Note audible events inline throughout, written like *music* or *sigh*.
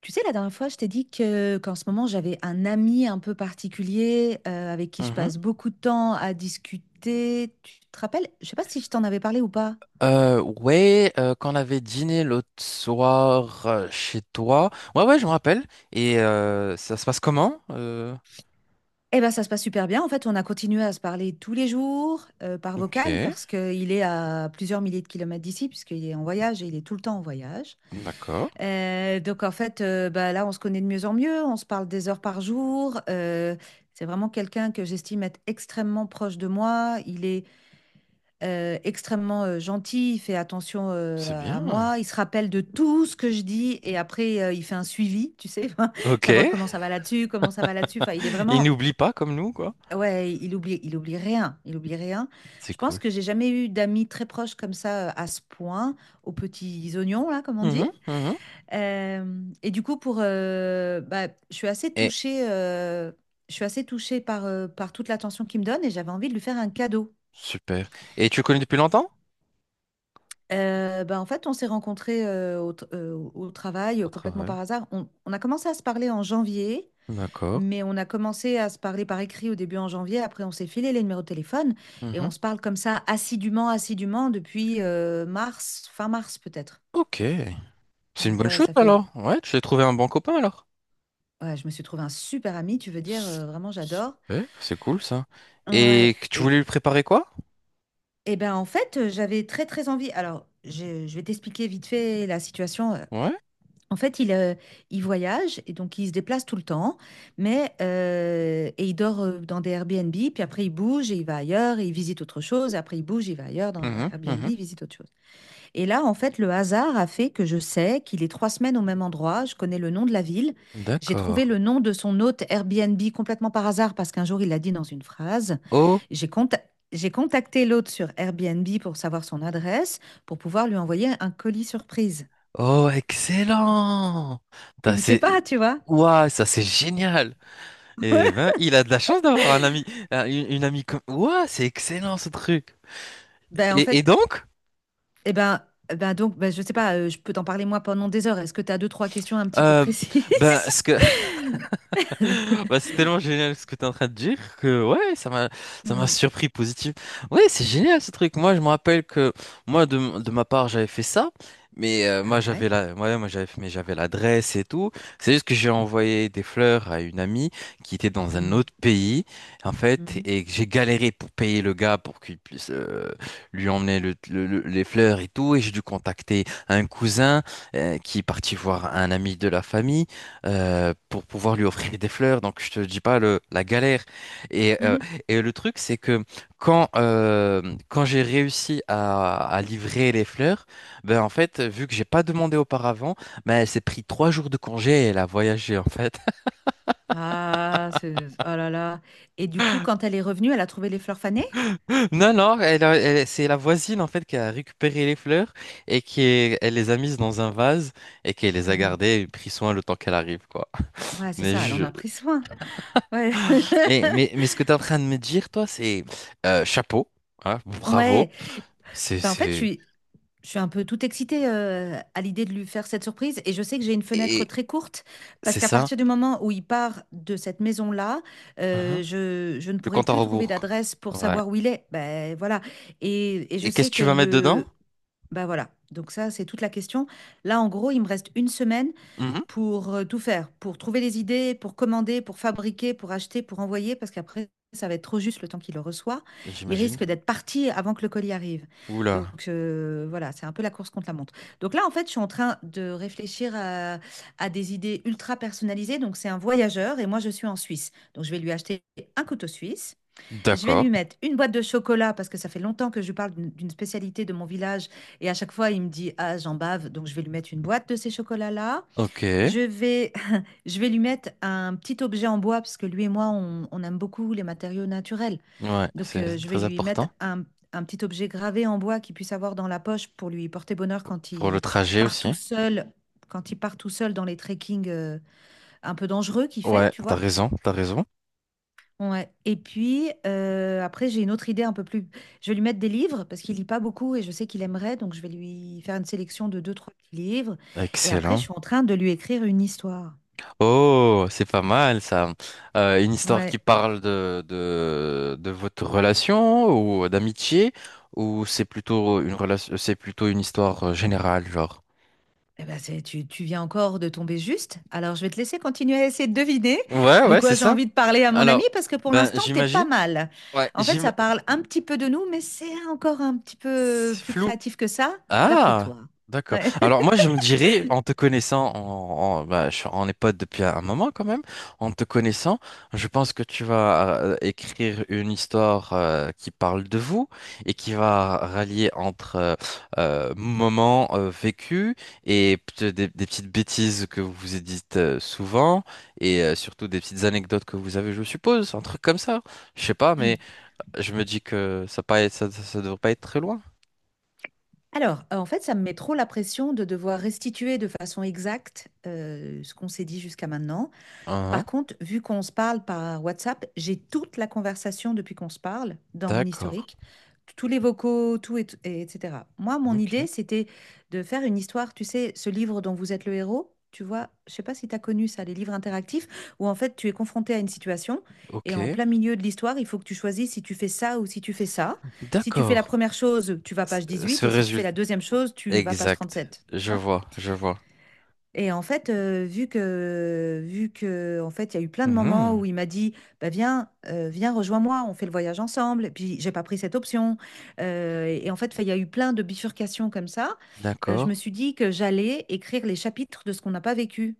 Tu sais, la dernière fois, je t'ai dit que qu'en ce moment, j'avais un ami un peu particulier avec qui je Mhm. passe beaucoup de temps à discuter. Tu te rappelles? Je sais pas si je t'en avais parlé ou pas. Ouais, Quand on avait dîné l'autre soir chez toi. Ouais, ouais, je me rappelle. Et ça se passe comment? Eh ben, ça se passe super bien. En fait, on a continué à se parler tous les jours par Ok, vocal parce qu'il est à plusieurs milliers de kilomètres d'ici, puisqu'il est en voyage et il est tout le temps en voyage. d'accord, Donc, en fait, bah, là, on se connaît de mieux en mieux. On se parle des heures par jour. C'est vraiment quelqu'un que j'estime être extrêmement proche de moi. Il est extrêmement gentil, il fait attention c'est à bien. à moi, il se rappelle de tout ce que je dis et après il fait un suivi, tu sais, *laughs* Ok, savoir comment ça va là-dessus, comment ça va là-dessus. Enfin, il est *laughs* il vraiment, n'oublie pas comme nous, quoi. ouais, il oublie rien, il oublie rien. C'est Je pense cool. que j'ai jamais eu d'amis très proches comme ça à ce point, aux petits oignons là, comme on dit. Mhm, mhm. Et du coup, bah, je suis assez touchée. Je suis assez touchée par toute l'attention qu'il me donne et j'avais envie de lui faire un cadeau. Super. Et tu le connais depuis longtemps? Bah, en fait, on s'est rencontrés au travail Au complètement travail. par hasard. On a commencé à se parler en janvier, D'accord. mais on a commencé à se parler par écrit au début en janvier. Après, on s'est filé les numéros de téléphone et Mhm. on se parle comme ça assidûment, assidûment depuis mars, fin mars peut-être. Ok. C'est une Donc bonne ouais, chose ça fait... alors. Ouais, tu as trouvé un bon copain alors. Ouais, je me suis trouvé un super ami, tu veux dire, S- vraiment, j'adore. Super, c'est cool ça. Et Ouais, que tu voulais et, lui préparer quoi? et ben en fait, j'avais très très envie. Alors, je vais t'expliquer vite fait la situation. Ouais. En fait, il voyage et donc il se déplace tout le temps, et il dort dans des Airbnb, puis après il bouge et il va ailleurs et il visite autre chose, et après il bouge, il va ailleurs dans un Mhm, Airbnb, mhm. il visite autre chose. Et là, en fait, le hasard a fait que je sais qu'il est 3 semaines au même endroit, je connais le nom de la ville, j'ai trouvé D'accord. le nom de son hôte Airbnb complètement par hasard parce qu'un jour il l'a dit dans une phrase. Oh, J'ai conta- j'ai contacté l'hôte sur Airbnb pour savoir son adresse, pour pouvoir lui envoyer un colis surprise. oh, excellent. Et T'as- il sait C'est... pas, tu vois. Ouah, ça c'est génial. Et ben, il a de la chance d'avoir un ami, une amie comme. Ouah, c'est excellent ce truc. Ben, en Et fait, donc, eh ben, eh ben donc, ben, je sais pas, je peux t'en parler moi pendant des heures. Est-ce que tu as deux, trois questions un petit peu euh, ben, précises? ce que *laughs* bah, c'est tellement génial ce que tu es en train de dire que ouais, ça m'a Hmm. surpris positif. Ouais, c'est génial ce truc. Moi, je me rappelle que moi de ma part, j'avais fait ça, mais moi Ah j'avais ouais? la ouais, moi j'avais mais j'avais l'adresse et tout. C'est juste que j'ai envoyé des fleurs à une amie qui était dans un Hmm. autre pays en fait Mhm. et que j'ai galéré pour payer le gars pour qu'il puisse lui emmener les fleurs et tout et j'ai dû contacter un cousin qui est parti voir un ami de la famille pour pouvoir lui offrir des fleurs. Donc, je te dis pas la galère. Et, euh, Mhm. et le truc, c'est que quand, euh, quand j'ai réussi à livrer les fleurs, ben, en fait, vu que j'ai pas demandé auparavant, ben, elle s'est pris trois jours de congé et elle a voyagé, en fait. *laughs* Ah, c'est... Oh là là. Et du coup, quand elle est revenue, elle a trouvé les fleurs fanées? Non, non, c'est la voisine, en fait, qui a récupéré les fleurs et elle les a mises dans un vase et qui les a Mhm. gardées et pris soin le temps qu'elle arrive, quoi. Ouais, c'est Mais ça, elle en je, a pris soin. Ouais. *laughs* Mais, mais ce que tu es en train de me dire, toi, c'est chapeau, hein, Ouais. bravo, c'est Ben, en fait, c'est je suis un peu tout excitée à l'idée de lui faire cette surprise et je sais que j'ai une fenêtre et très courte parce c'est qu'à ça. partir du moment où il part de cette maison-là, Mhm. Je ne Le pourrai compte à plus trouver rebours, quoi. d'adresse pour Ouais. savoir où il est. Ben voilà. Je Et qu'est-ce sais que tu que vas mettre dedans? le... Ben voilà. Donc ça, c'est toute la question. Là, en gros, il me reste une semaine Mhm. pour tout faire, pour trouver les idées, pour commander, pour fabriquer, pour acheter, pour envoyer, parce qu'après, ça va être trop juste le temps qu'il le reçoit. Il risque J'imagine. d'être parti avant que le colis arrive. Oula. Donc voilà, c'est un peu la course contre la montre. Donc là, en fait, je suis en train de réfléchir à des idées ultra personnalisées. Donc c'est un voyageur et moi, je suis en Suisse. Donc je vais lui acheter un couteau suisse. Je vais D'accord. lui mettre une boîte de chocolat parce que ça fait longtemps que je lui parle d'une spécialité de mon village et à chaque fois, il me dit, ah, j'en bave. Donc je vais lui mettre une boîte de ces chocolats-là. Ok. Ouais, Je vais, *laughs* je vais lui mettre un petit objet en bois parce que lui et moi, on aime beaucoup les matériaux naturels. Donc, c'est je vais très lui mettre important un petit objet gravé en bois qu'il puisse avoir dans la poche pour lui porter bonheur quand pour le il trajet part tout aussi. seul, quand il part tout seul dans les trekking un peu dangereux qu'il fait, Ouais, tu t'as vois. raison, t'as raison. Ouais. Et puis, après, j'ai une autre idée un peu plus. Je vais lui mettre des livres parce qu'il lit pas beaucoup et je sais qu'il aimerait. Donc, je vais lui faire une sélection de deux, trois petits livres. Et après, je Excellent. suis en train de lui écrire une histoire. Oh, c'est pas mal ça. Une histoire qui Ouais. parle de votre relation ou d'amitié ou c'est plutôt une relation, c'est plutôt une histoire générale, genre. Eh ben, c'est, tu viens encore de tomber juste. Alors, je vais te laisser continuer à essayer de deviner Ouais, de ouais, c'est quoi j'ai ça. envie de parler à mon ami Alors, parce que pour ben l'instant, t'es pas j'imagine. mal. Ouais, En fait, j'im... ça parle un petit peu de nous, mais c'est encore un petit peu c'est plus flou. créatif que ça, d'après Ah, toi. d'accord. Ouais. Alors moi, je me dirais, en te connaissant, bah, on est potes depuis un moment quand même, en te connaissant, je pense que tu vas écrire une histoire qui parle de vous et qui va rallier entre moments vécus et peut-être des petites bêtises que vous vous dites souvent et surtout des petites anecdotes que vous avez, je suppose, un truc comme ça. Je sais pas, mais je me dis que ça devrait pas être très loin. *laughs* Alors, en fait, ça me met trop la pression de devoir restituer de façon exacte ce qu'on s'est dit jusqu'à maintenant. Hein. Par contre, vu qu'on se parle par WhatsApp, j'ai toute la conversation depuis qu'on se parle dans mon D'accord. historique, tous les vocaux, tout et etc. Moi, mon Ok, idée, c'était de faire une histoire, tu sais, ce livre dont vous êtes le héros, tu vois, je sais pas si tu as connu ça, les livres interactifs, où en fait, tu es confronté à une situation et en ok, plein milieu de l'histoire, il faut que tu choisisses si tu fais ça ou si tu fais ça. Si tu fais la d'accord. première chose, tu vas Ce page 18 Ce et si tu fais résultat la deuxième chose, tu vas page exact, 37. je vois, je vois. Et en fait, vu que en fait, il y a eu plein de moments où Mhm, il m'a dit: «Bah, viens, viens, rejoins-moi, on fait le voyage ensemble» et puis j'ai pas pris cette option, et en fait, enfin, il y a eu plein de bifurcations comme ça. Je d'accord. me suis dit que j'allais écrire les chapitres de ce qu'on n'a pas vécu,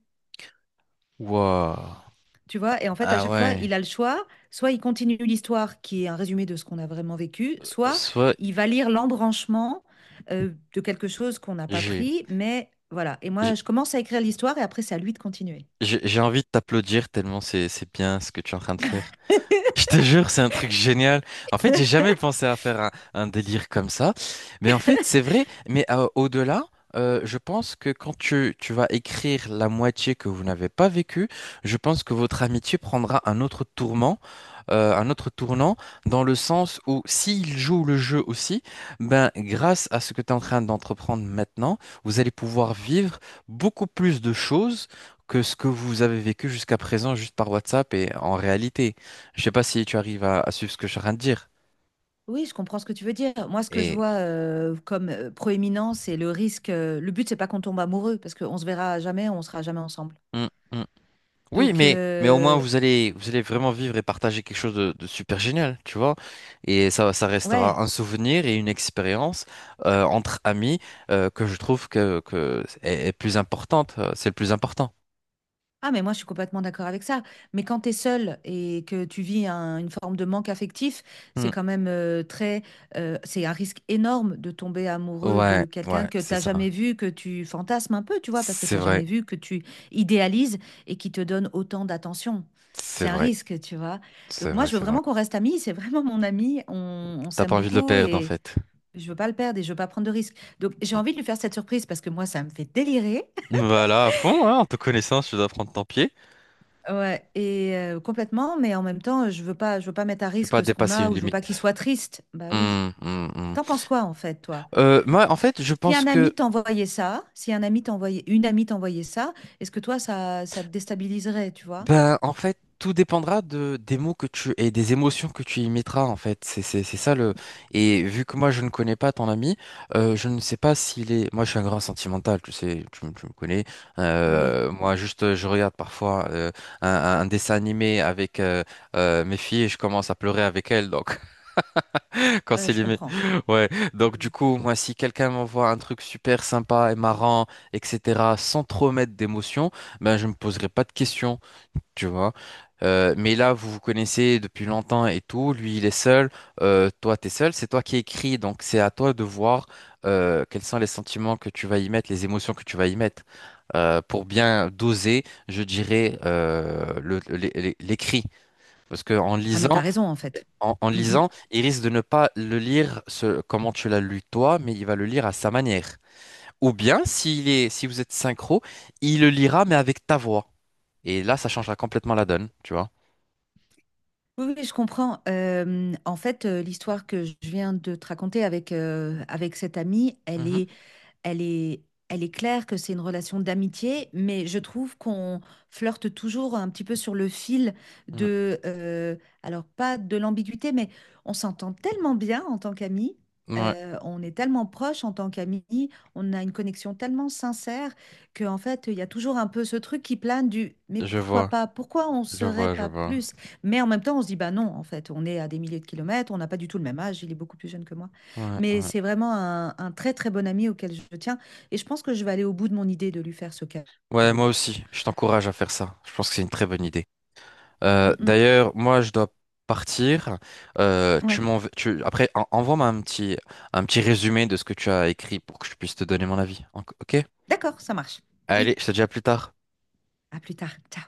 Waouh. tu vois? Et en fait, à Ah chaque fois, ouais. il a le choix, soit il continue l'histoire qui est un résumé de ce qu'on a vraiment vécu, soit Soit il va lire l'embranchement, de quelque chose qu'on n'a pas j'ai pris, mais voilà et j'ai moi, je commence à écrire l'histoire et après, c'est à lui de continuer. J'ai envie de t'applaudir tellement c'est bien ce que tu es en train de faire. Je te jure, c'est un truc génial. En fait, j'ai jamais pensé à faire un délire comme ça. Mais en fait, c'est vrai. Mais au-delà, je pense que tu vas écrire la moitié que vous n'avez pas vécue, je pense que votre amitié prendra un autre tourment un autre tournant dans le sens où s'il joue le jeu aussi, ben, grâce à ce que tu es en train d'entreprendre maintenant, vous allez pouvoir vivre beaucoup plus de choses que ce que vous avez vécu jusqu'à présent juste par WhatsApp et en réalité. Je sais pas si tu arrives à suivre ce que je suis en train de dire. Oui, je comprends ce que tu veux dire. Moi, ce que je Et vois comme proéminent, c'est le risque. Le but, c'est pas qu'on tombe amoureux, parce qu'on se verra jamais, on sera jamais ensemble. Mm, mm. Oui, Donc, mais au moins vous allez vraiment vivre et partager quelque chose de super génial, tu vois. Et ça ouais. restera un souvenir et une expérience entre amis que je trouve est plus importante. C'est le plus important. Ah, mais moi, je suis complètement d'accord avec ça. Mais quand tu es seul et que tu vis une forme de manque affectif, Hmm. c'est quand même très. C'est un risque énorme de tomber amoureux Ouais, de quelqu'un ouais, que c'est tu ça. jamais vu, que tu fantasmes un peu, tu vois, parce que C'est tu vrai, jamais vu, que tu idéalises et qui te donne autant d'attention. c'est C'est un vrai, risque, tu vois. Donc, c'est moi, vrai, je veux c'est vrai. vraiment qu'on reste amis. C'est vraiment mon ami. On T'as s'aime pas envie de le beaucoup perdre en et fait. je veux pas le perdre et je veux pas prendre de risques. Donc, j'ai Hmm. envie de lui faire cette surprise parce que moi, ça me fait délirer. Voilà, à fond, hein, en te connaissant, si tu dois prendre ton pied. Ouais, complètement, mais en même temps, je veux pas mettre à Tu peux pas risque ce qu'on dépasser a une ou je veux pas qu'il limite. soit triste. Bah oui. Hmm, hmm, hmm. T'en penses quoi en fait, toi? Moi, en fait, je Si pense un que ami t'envoyait ça, si un ami t'envoyait, une amie t'envoyait ça, est-ce que toi, ça te déstabiliserait, tu vois? ben, en fait, tout dépendra des mots que tu et des émotions que tu y mettras, en fait. C'est ça le. Et vu que moi, je ne connais pas ton ami, je ne sais pas s'il est. Moi, je suis un grand sentimental, tu sais, tu me connais. Oui, Moi, juste, je regarde parfois un dessin animé avec mes filles et je commence à pleurer avec elles, donc, *laughs* quand c'est je animé. comprends. Ouais. Donc, Mm. du coup, moi, si quelqu'un m'envoie un truc super sympa et marrant, etc., sans trop mettre d'émotion, ben, je ne me poserai pas de questions, tu vois. Mais là, vous vous connaissez depuis longtemps et tout. Lui, il est seul. Toi, t'es seul. C'est toi qui écris. Donc, c'est à toi de voir quels sont les sentiments que tu vas y mettre, les émotions que tu vas y mettre. Pour bien doser, je dirais, l'écrit. Parce que en Ah, mais t'as lisant, raison en fait. En Mm, mm. lisant, il risque de ne pas le lire ce, comment tu l'as lu toi, mais il va le lire à sa manière. Ou bien, si vous êtes synchro, il le lira, mais avec ta voix. Et là, ça changera complètement la donne, tu vois. Oui, oui, je comprends. En fait, l'histoire que je viens de te raconter avec, avec cette amie, elle Mhm, est elle est, elle est claire que c'est une relation d'amitié, mais je trouve qu'on flirte toujours un petit peu sur le fil mhm. de, alors pas de l'ambiguïté, mais on s'entend tellement bien en tant qu'amis. Ouais, On est tellement proches en tant qu'amis, on a une connexion tellement sincère que en fait, il y a toujours un peu ce truc qui plane du mais je pourquoi vois, pas? Pourquoi on je serait vois, je pas vois. plus? Mais en même temps, on se dit bah non, en fait, on est à des milliers de kilomètres, on n'a pas du tout le même âge, il est beaucoup plus jeune que moi. Ouais, Mais ouais. c'est vraiment un très très bon ami auquel je tiens. Et je pense que je vais aller au bout de mon idée de lui faire ce Ouais, moi cadeau. aussi, je t'encourage à faire ça. Je pense que c'est une très bonne idée. Mm, mm. D'ailleurs, moi, je dois partir. Ouais, Après, envoie-moi un petit résumé de ce que tu as écrit pour que je puisse te donner mon avis. Ok? d'accord, ça marche. Allez, Oui, je te dis à plus tard. à plus tard. Ciao.